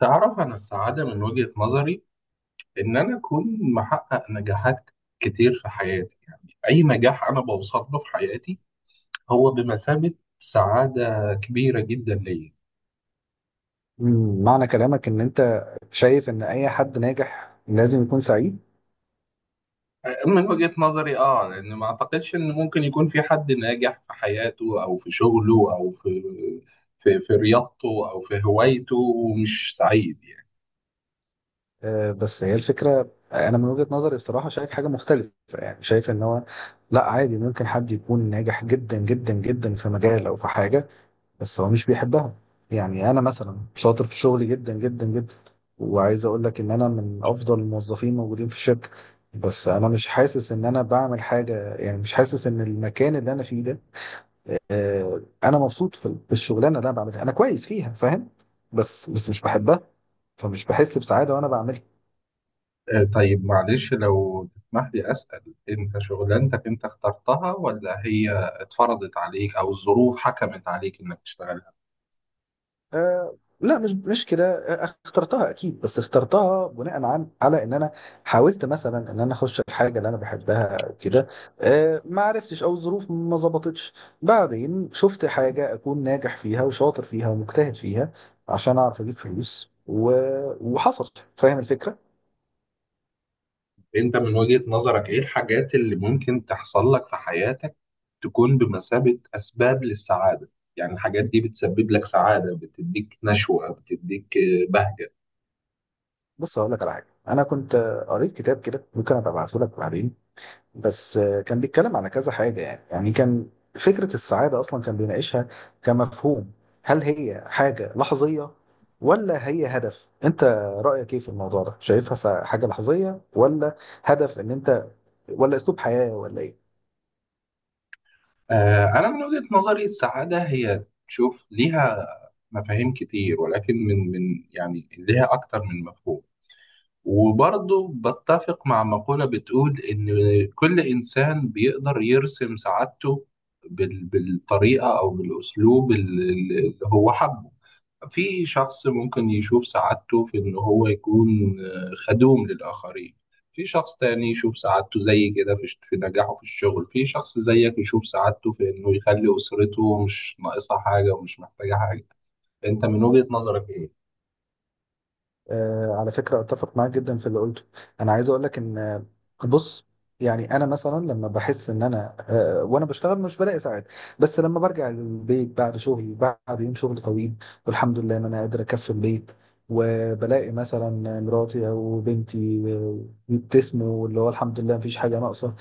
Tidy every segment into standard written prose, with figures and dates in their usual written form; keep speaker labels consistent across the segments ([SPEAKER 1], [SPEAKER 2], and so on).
[SPEAKER 1] تعرف، أنا السعادة من وجهة نظري إن أنا أكون محقق نجاحات كتير في حياتي. يعني أي نجاح أنا بوصل له في حياتي هو بمثابة سعادة كبيرة جدا ليا.
[SPEAKER 2] معنى كلامك ان انت شايف ان اي حد ناجح لازم يكون سعيد.
[SPEAKER 1] من وجهة نظري آه، لأن ما أعتقدش إن ممكن يكون في حد ناجح في حياته أو في شغله أو في رياضته أو في هوايته ومش سعيد يعني.
[SPEAKER 2] آه، بس هي الفكرة انا من وجهة نظري بصراحة شايف حاجة مختلفة، يعني شايف ان هو لا، عادي ممكن حد يكون ناجح جدا جدا جدا في مجال او في حاجة بس هو مش بيحبها. يعني انا مثلا شاطر في شغلي جدا جدا جدا، وعايز اقول لك ان انا من افضل الموظفين موجودين في الشركة، بس انا مش حاسس ان انا بعمل حاجة، يعني مش حاسس ان المكان اللي انا فيه ده، انا مبسوط في الشغلانه اللي انا بعملها، انا كويس فيها، فاهم؟ بس مش بحبها، فمش بحس بسعاده وانا بعملها.
[SPEAKER 1] آه، طيب معلش لو تسمح لي أسأل، أنت شغلانتك أنت اخترتها ولا هي اتفرضت عليك أو الظروف حكمت عليك إنك تشتغلها؟
[SPEAKER 2] أه لا، مش كده. آه، اخترتها اكيد، بس اخترتها بناء عن على ان انا حاولت مثلا ان انا اخش الحاجه اللي انا بحبها وكده، أه ما عرفتش او الظروف ما ظبطتش، بعدين شفت حاجه اكون ناجح فيها وشاطر فيها ومجتهد فيها عشان اعرف اجيب فلوس وحصل. فاهم الفكره؟
[SPEAKER 1] أنت من وجهة نظرك إيه الحاجات اللي ممكن تحصل لك في حياتك تكون بمثابة أسباب للسعادة؟ يعني الحاجات دي بتسبب لك سعادة، بتديك نشوة، بتديك بهجة.
[SPEAKER 2] بص هقول لك على حاجه، انا كنت قريت كتاب كده، ممكن ابقى ابعته لك بعدين. بس كان بيتكلم على كذا حاجه، يعني كان فكره السعاده اصلا كان بيناقشها كمفهوم، هل هي حاجه لحظيه ولا هي هدف انت، رايك ايه في الموضوع ده؟ شايفها حاجه لحظيه، ولا هدف ان انت، ولا اسلوب حياه، ولا ايه؟
[SPEAKER 1] أنا من وجهة نظري السعادة هي تشوف ليها مفاهيم كتير، ولكن من يعني ليها أكتر من مفهوم. وبرضه بتفق مع مقولة بتقول إن كل إنسان بيقدر يرسم سعادته بالطريقة أو بالأسلوب اللي هو حبه. في شخص ممكن يشوف سعادته في إن هو يكون آه، خدوم للآخرين. في شخص تاني يشوف سعادته زي كده في نجاحه في الشغل. في شخص زيك يشوف سعادته في إنه يخلي أسرته مش ناقصها حاجة ومش محتاجة حاجة. أنت من وجهة نظرك إيه؟
[SPEAKER 2] آه، على فكرة أتفق معاك جدا في اللي قلته. أنا عايز أقول لك إن، آه، بص، يعني أنا مثلا لما بحس إن أنا، آه، وأنا بشتغل مش بلاقي ساعات، بس لما برجع البيت بعد شغل، بعد يوم شغل طويل، والحمد لله إن أنا قادر أكفي البيت، وبلاقي مثلا مراتي أو بنتي، آه، بيبتسموا، اللي هو الحمد لله مفيش حاجة ناقصة،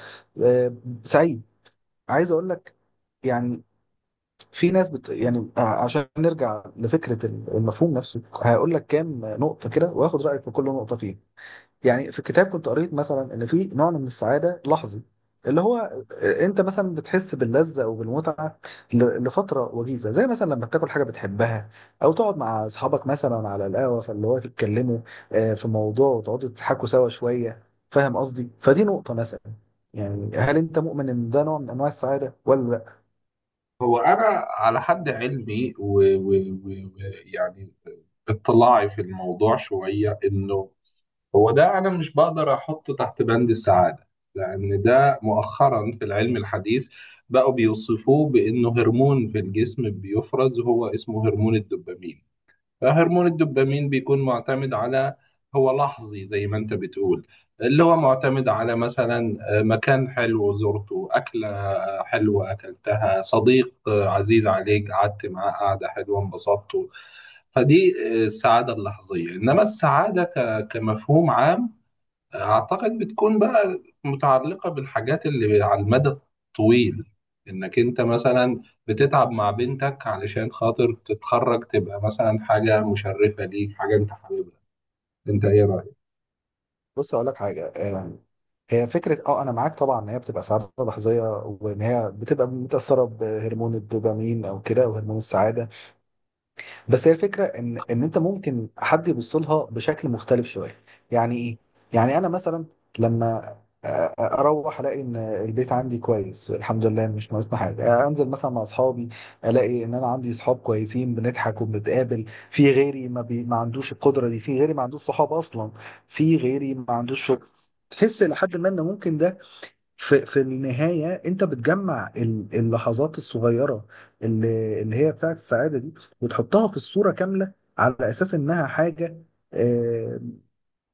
[SPEAKER 2] آه، سعيد. عايز أقول لك، يعني في ناس يعني، عشان نرجع لفكرة المفهوم نفسه، هقول لك كام نقطة كده واخد رأيك في كل نقطة فيهم. يعني في الكتاب كنت قريت مثلا ان في نوع من السعادة لحظي، اللي هو انت مثلا بتحس باللذة او بالمتعة لفترة وجيزة، زي مثلا لما تاكل حاجة بتحبها، او تقعد مع اصحابك مثلا على القهوة، فاللي هو تتكلموا، آه، في موضوع وتقعدوا تضحكوا سوا شوية. فاهم قصدي؟ فدي نقطة مثلا، يعني هل انت مؤمن ان ده نوع من انواع السعادة ولا؟
[SPEAKER 1] هو انا على حد علمي ويعني اطلاعي في الموضوع شويه، انه هو ده انا مش بقدر احطه تحت بند السعاده، لان ده مؤخرا في العلم الحديث بقوا بيوصفوه بانه هرمون في الجسم بيفرز، هو اسمه هرمون الدوبامين. هرمون الدوبامين بيكون معتمد على، هو لحظي زي ما انت بتقول، اللي هو معتمد على مثلا آه، مكان حلو زرته، أكلة حلوة أكلتها، صديق آه، عزيز عليك قعدت معاه قعدة حلوة انبسطته. فدي آه، السعادة اللحظية. إنما السعادة كمفهوم عام، أعتقد بتكون بقى متعلقة بالحاجات اللي على المدى الطويل. إنك أنت مثلا بتتعب مع بنتك علشان خاطر تتخرج، تبقى مثلا حاجة مشرفة ليك، حاجة أنت حاببها. أنت إيه رأيك؟
[SPEAKER 2] بص اقول لك حاجه، هي فكره، اه انا معاك طبعا ان هي بتبقى سعاده لحظيه وان هي بتبقى متاثره بهرمون الدوبامين او كده وهرمون السعاده، بس هي الفكره ان انت ممكن حد يبص لها بشكل مختلف شويه. يعني ايه؟ يعني انا مثلا لما أ- أ- اروح الاقي ان البيت عندي كويس الحمد لله مش ناقصنا حاجه، آه، انزل مثلا مع اصحابي الاقي ان انا عندي اصحاب كويسين بنضحك وبنتقابل، في غيري ما عندوش القدره دي، في غيري ما عندوش صحاب اصلا، في غيري ما عندوش شغل. تحس لحد ما ان ممكن ده، في النهاية أنت بتجمع اللحظات الصغيرة اللي هي بتاعت السعادة دي، وتحطها في الصورة كاملة على أساس إنها حاجة، آه،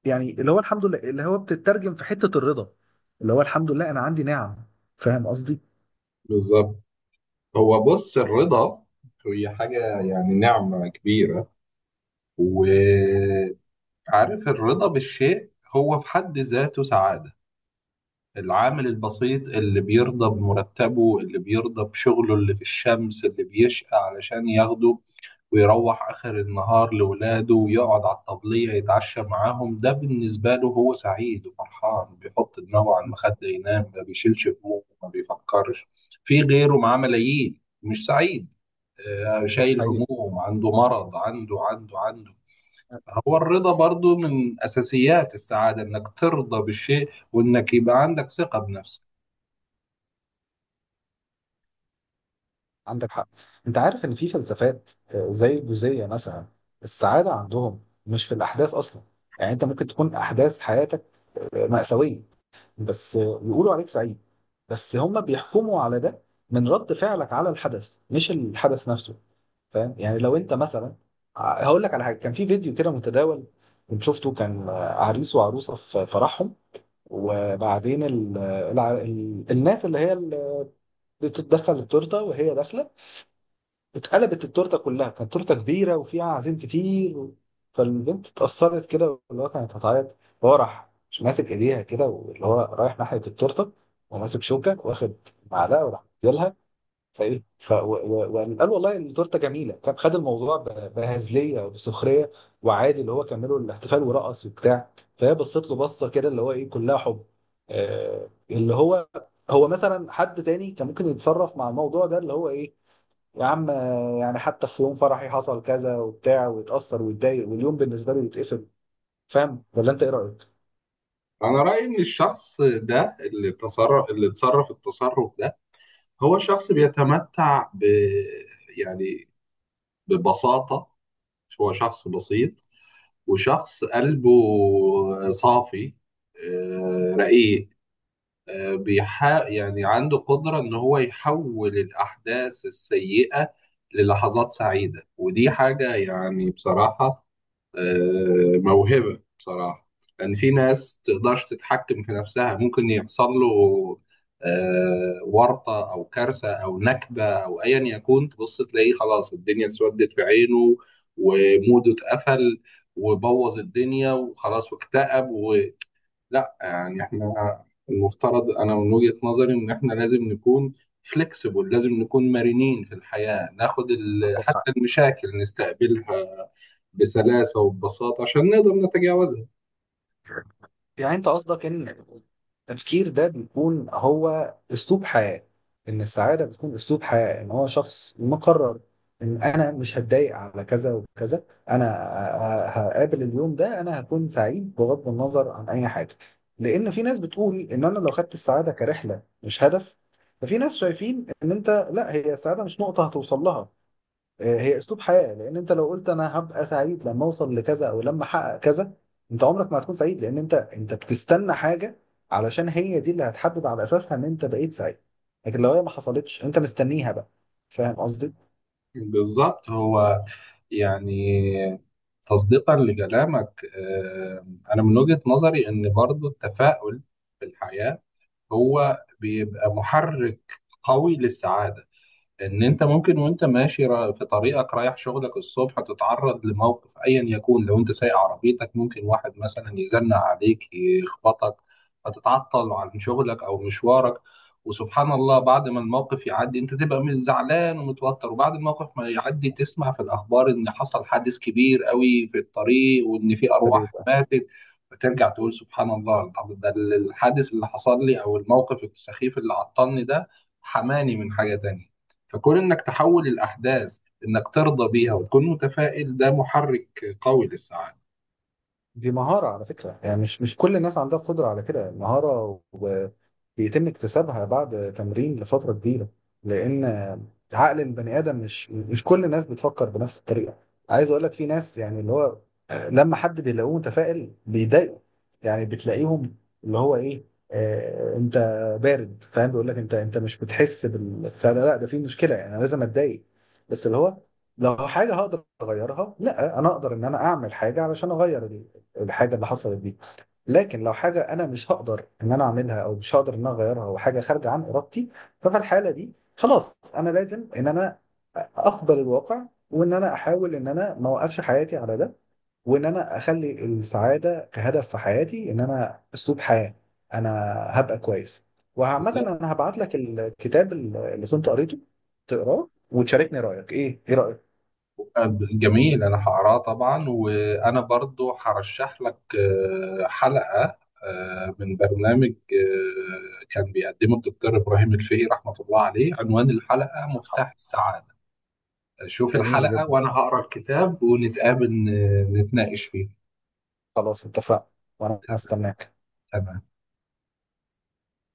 [SPEAKER 2] يعني اللي هو الحمد لله، اللي هو بتترجم في حتة الرضا، اللي هو الحمد لله أنا عندي نعم. فاهم قصدي؟
[SPEAKER 1] بالظبط. هو بص، الرضا هي حاجة يعني نعمة كبيرة، وعارف، الرضا بالشيء هو في حد ذاته سعادة. العامل البسيط اللي بيرضى بمرتبه، اللي بيرضى بشغله اللي في الشمس، اللي بيشقى علشان ياخده ويروح آخر النهار لولاده ويقعد على الطبلية يتعشى معاهم، ده بالنسبة له هو سعيد وفرحان، بيحط دماغه على المخدة ينام، ما بيشيلش همومه، ما بيفكرش في غيره معاه ملايين مش سعيد، آه، شايل
[SPEAKER 2] حقيقي.
[SPEAKER 1] هموم، عنده مرض، عنده عنده عنده. هو الرضا برضو من أساسيات السعادة، إنك ترضى بالشيء وإنك يبقى عندك ثقة بنفسك.
[SPEAKER 2] عندك حق. انت عارف ان في فلسفات، آه، زي الجوزية مثلا، السعادة عندهم مش في الاحداث اصلا. يعني انت ممكن تكون احداث حياتك، آه، مأساوية، بس يقولوا عليك سعيد، بس هم بيحكموا على ده من رد فعلك على الحدث، مش الحدث نفسه. فاهم؟ يعني لو انت مثلا، هقول لك على حاجه، كان في فيديو كده متداول كنت شفته، كان، آه، عريس وعروسه في فرحهم، وبعدين الناس اللي هي اللي بتتدخل التورته وهي داخله، اتقلبت التورته كلها، كانت تورته كبيره وفيها عزيم كتير فالبنت اتأثرت كده، اللي هو كانت هتعيط، هو راح مش ماسك ايديها كده، واللي هو رايح ناحيه التورته وماسك شوكه واخد معلقه وراح مديلها، فايه وقال قال والله التورته جميله، فاهم؟ خد الموضوع بهزليه وبسخريه، وعادي اللي هو كملوا الاحتفال ورقص وبتاع. فهي بصت له بصه كده، اللي هو ايه، كلها حب، اللي هو، هو مثلا حد تاني كان ممكن يتصرف مع الموضوع ده، اللي هو ايه، يا عم، آه، يعني حتى في يوم فرحي حصل كذا وبتاع، ويتأثر ويتضايق واليوم بالنسبة له يتقفل. فاهم، ولا انت ايه رأيك؟
[SPEAKER 1] أنا رأيي إن الشخص ده اللي تصرف اللي تصرف التصرف ده هو شخص بيتمتع ب، يعني ببساطة، هو شخص بسيط وشخص قلبه صافي، آه، رقيق، آه، يعني عنده قدرة إن هو يحول الأحداث السيئة للحظات سعيدة. ودي حاجة يعني بصراحة آه، موهبة بصراحة. لأن في ناس تقدرش تتحكم في نفسها، ممكن يحصل له آه، ورطة أو كارثة أو نكبة أو أيا يكون، تبص تلاقيه خلاص الدنيا اسودت في عينه وموده اتقفل وبوظ الدنيا وخلاص واكتئب ولا. يعني احنا المفترض، أنا من وجهة نظري إن احنا لازم نكون فليكسبل، لازم نكون مرنين في الحياة، ناخد
[SPEAKER 2] عندك حق.
[SPEAKER 1] حتى المشاكل نستقبلها بسلاسة وببساطة عشان نقدر نتجاوزها.
[SPEAKER 2] يعني انت قصدك ان التفكير ده بيكون هو اسلوب حياة، ان السعادة بتكون اسلوب حياة، ان هو شخص مقرر ان انا مش هتضايق على كذا وكذا، انا هقابل اليوم ده انا هكون سعيد بغض النظر عن اي حاجة. لان في ناس بتقول ان انا لو خدت السعادة كرحلة مش هدف، ففي ناس شايفين ان انت لا، هي السعادة مش نقطة هتوصل لها، آه، هي اسلوب حياه. لان انت لو قلت انا هبقى سعيد لما اوصل لكذا او لما احقق كذا، انت عمرك ما هتكون سعيد، لان انت بتستنى حاجه علشان هي دي اللي هتحدد على اساسها ان انت بقيت سعيد، لكن لو هي ما حصلتش انت مستنيها بقى. فاهم قصدي؟
[SPEAKER 1] بالظبط. هو يعني تصديقا لكلامك آه، أنا من وجهة نظري إن برضو التفاؤل في الحياة هو بيبقى محرك قوي للسعادة. ان انت ممكن وانت ماشي في طريقك رايح شغلك الصبح تتعرض لموقف ايا يكون، لو انت سايق عربيتك ممكن واحد مثلا يزنق عليك يخبطك فتتعطل عن شغلك او مشوارك. وسبحان الله بعد ما الموقف يعدي انت تبقى زعلان ومتوتر، وبعد الموقف ما يعدي تسمع في الاخبار ان حصل حادث كبير قوي في الطريق وان في ارواح ماتت، فترجع تقول سبحان الله، طب ده الحادث اللي حصل لي او الموقف السخيف اللي عطلني ده حماني من حاجة تانية. فكون انك تحول الاحداث، انك ترضى بيها وتكون متفائل، ده محرك قوي للسعاده.
[SPEAKER 2] دي مهارة على فكرة، يعني مش كل الناس عندها قدرة على كده، المهارة وبيتم اكتسابها بعد تمرين لفترة كبيرة، لأن عقل البني آدم، مش كل الناس بتفكر بنفس الطريقة. عايز أقول لك في ناس، يعني اللي هو لما حد بيلاقوه متفائل بيضايقه، يعني بتلاقيهم، اللي هو إيه، آه أنت بارد، فاهم؟ بيقول لك أنت مش بتحس بال، لا، ده في مشكلة، يعني أنا لازم أتضايق. بس اللي هو لو حاجة هقدر أغيرها، لا، أنا أقدر إن أنا أعمل حاجة علشان أغير دي الحاجه اللي حصلت دي، لكن لو حاجه انا مش هقدر ان انا اعملها او مش هقدر ان انا اغيرها او حاجه خارجه عن ارادتي، ففي الحاله دي خلاص انا لازم ان انا اقبل الواقع، وان انا احاول ان انا ما اوقفش حياتي على ده، وان انا اخلي السعاده كهدف في حياتي، ان انا اسلوب حياه، انا هبقى كويس. وعامة
[SPEAKER 1] بالظبط.
[SPEAKER 2] انا هبعت لك الكتاب اللي كنت قريته تقراه وتشاركني رايك، ايه رايك؟
[SPEAKER 1] آه، جميل، انا هقراه طبعا، وانا برضو هرشح لك آه، حلقه آه، من برنامج آه، كان بيقدمه الدكتور ابراهيم الفقي رحمه الله عليه، عنوان الحلقه مفتاح السعاده. شوف
[SPEAKER 2] جميل
[SPEAKER 1] الحلقه
[SPEAKER 2] جدا،
[SPEAKER 1] وانا هقرا الكتاب ونتقابل آه، نتناقش فيه.
[SPEAKER 2] خلاص اتفقنا، وانا هستناك.
[SPEAKER 1] تمام.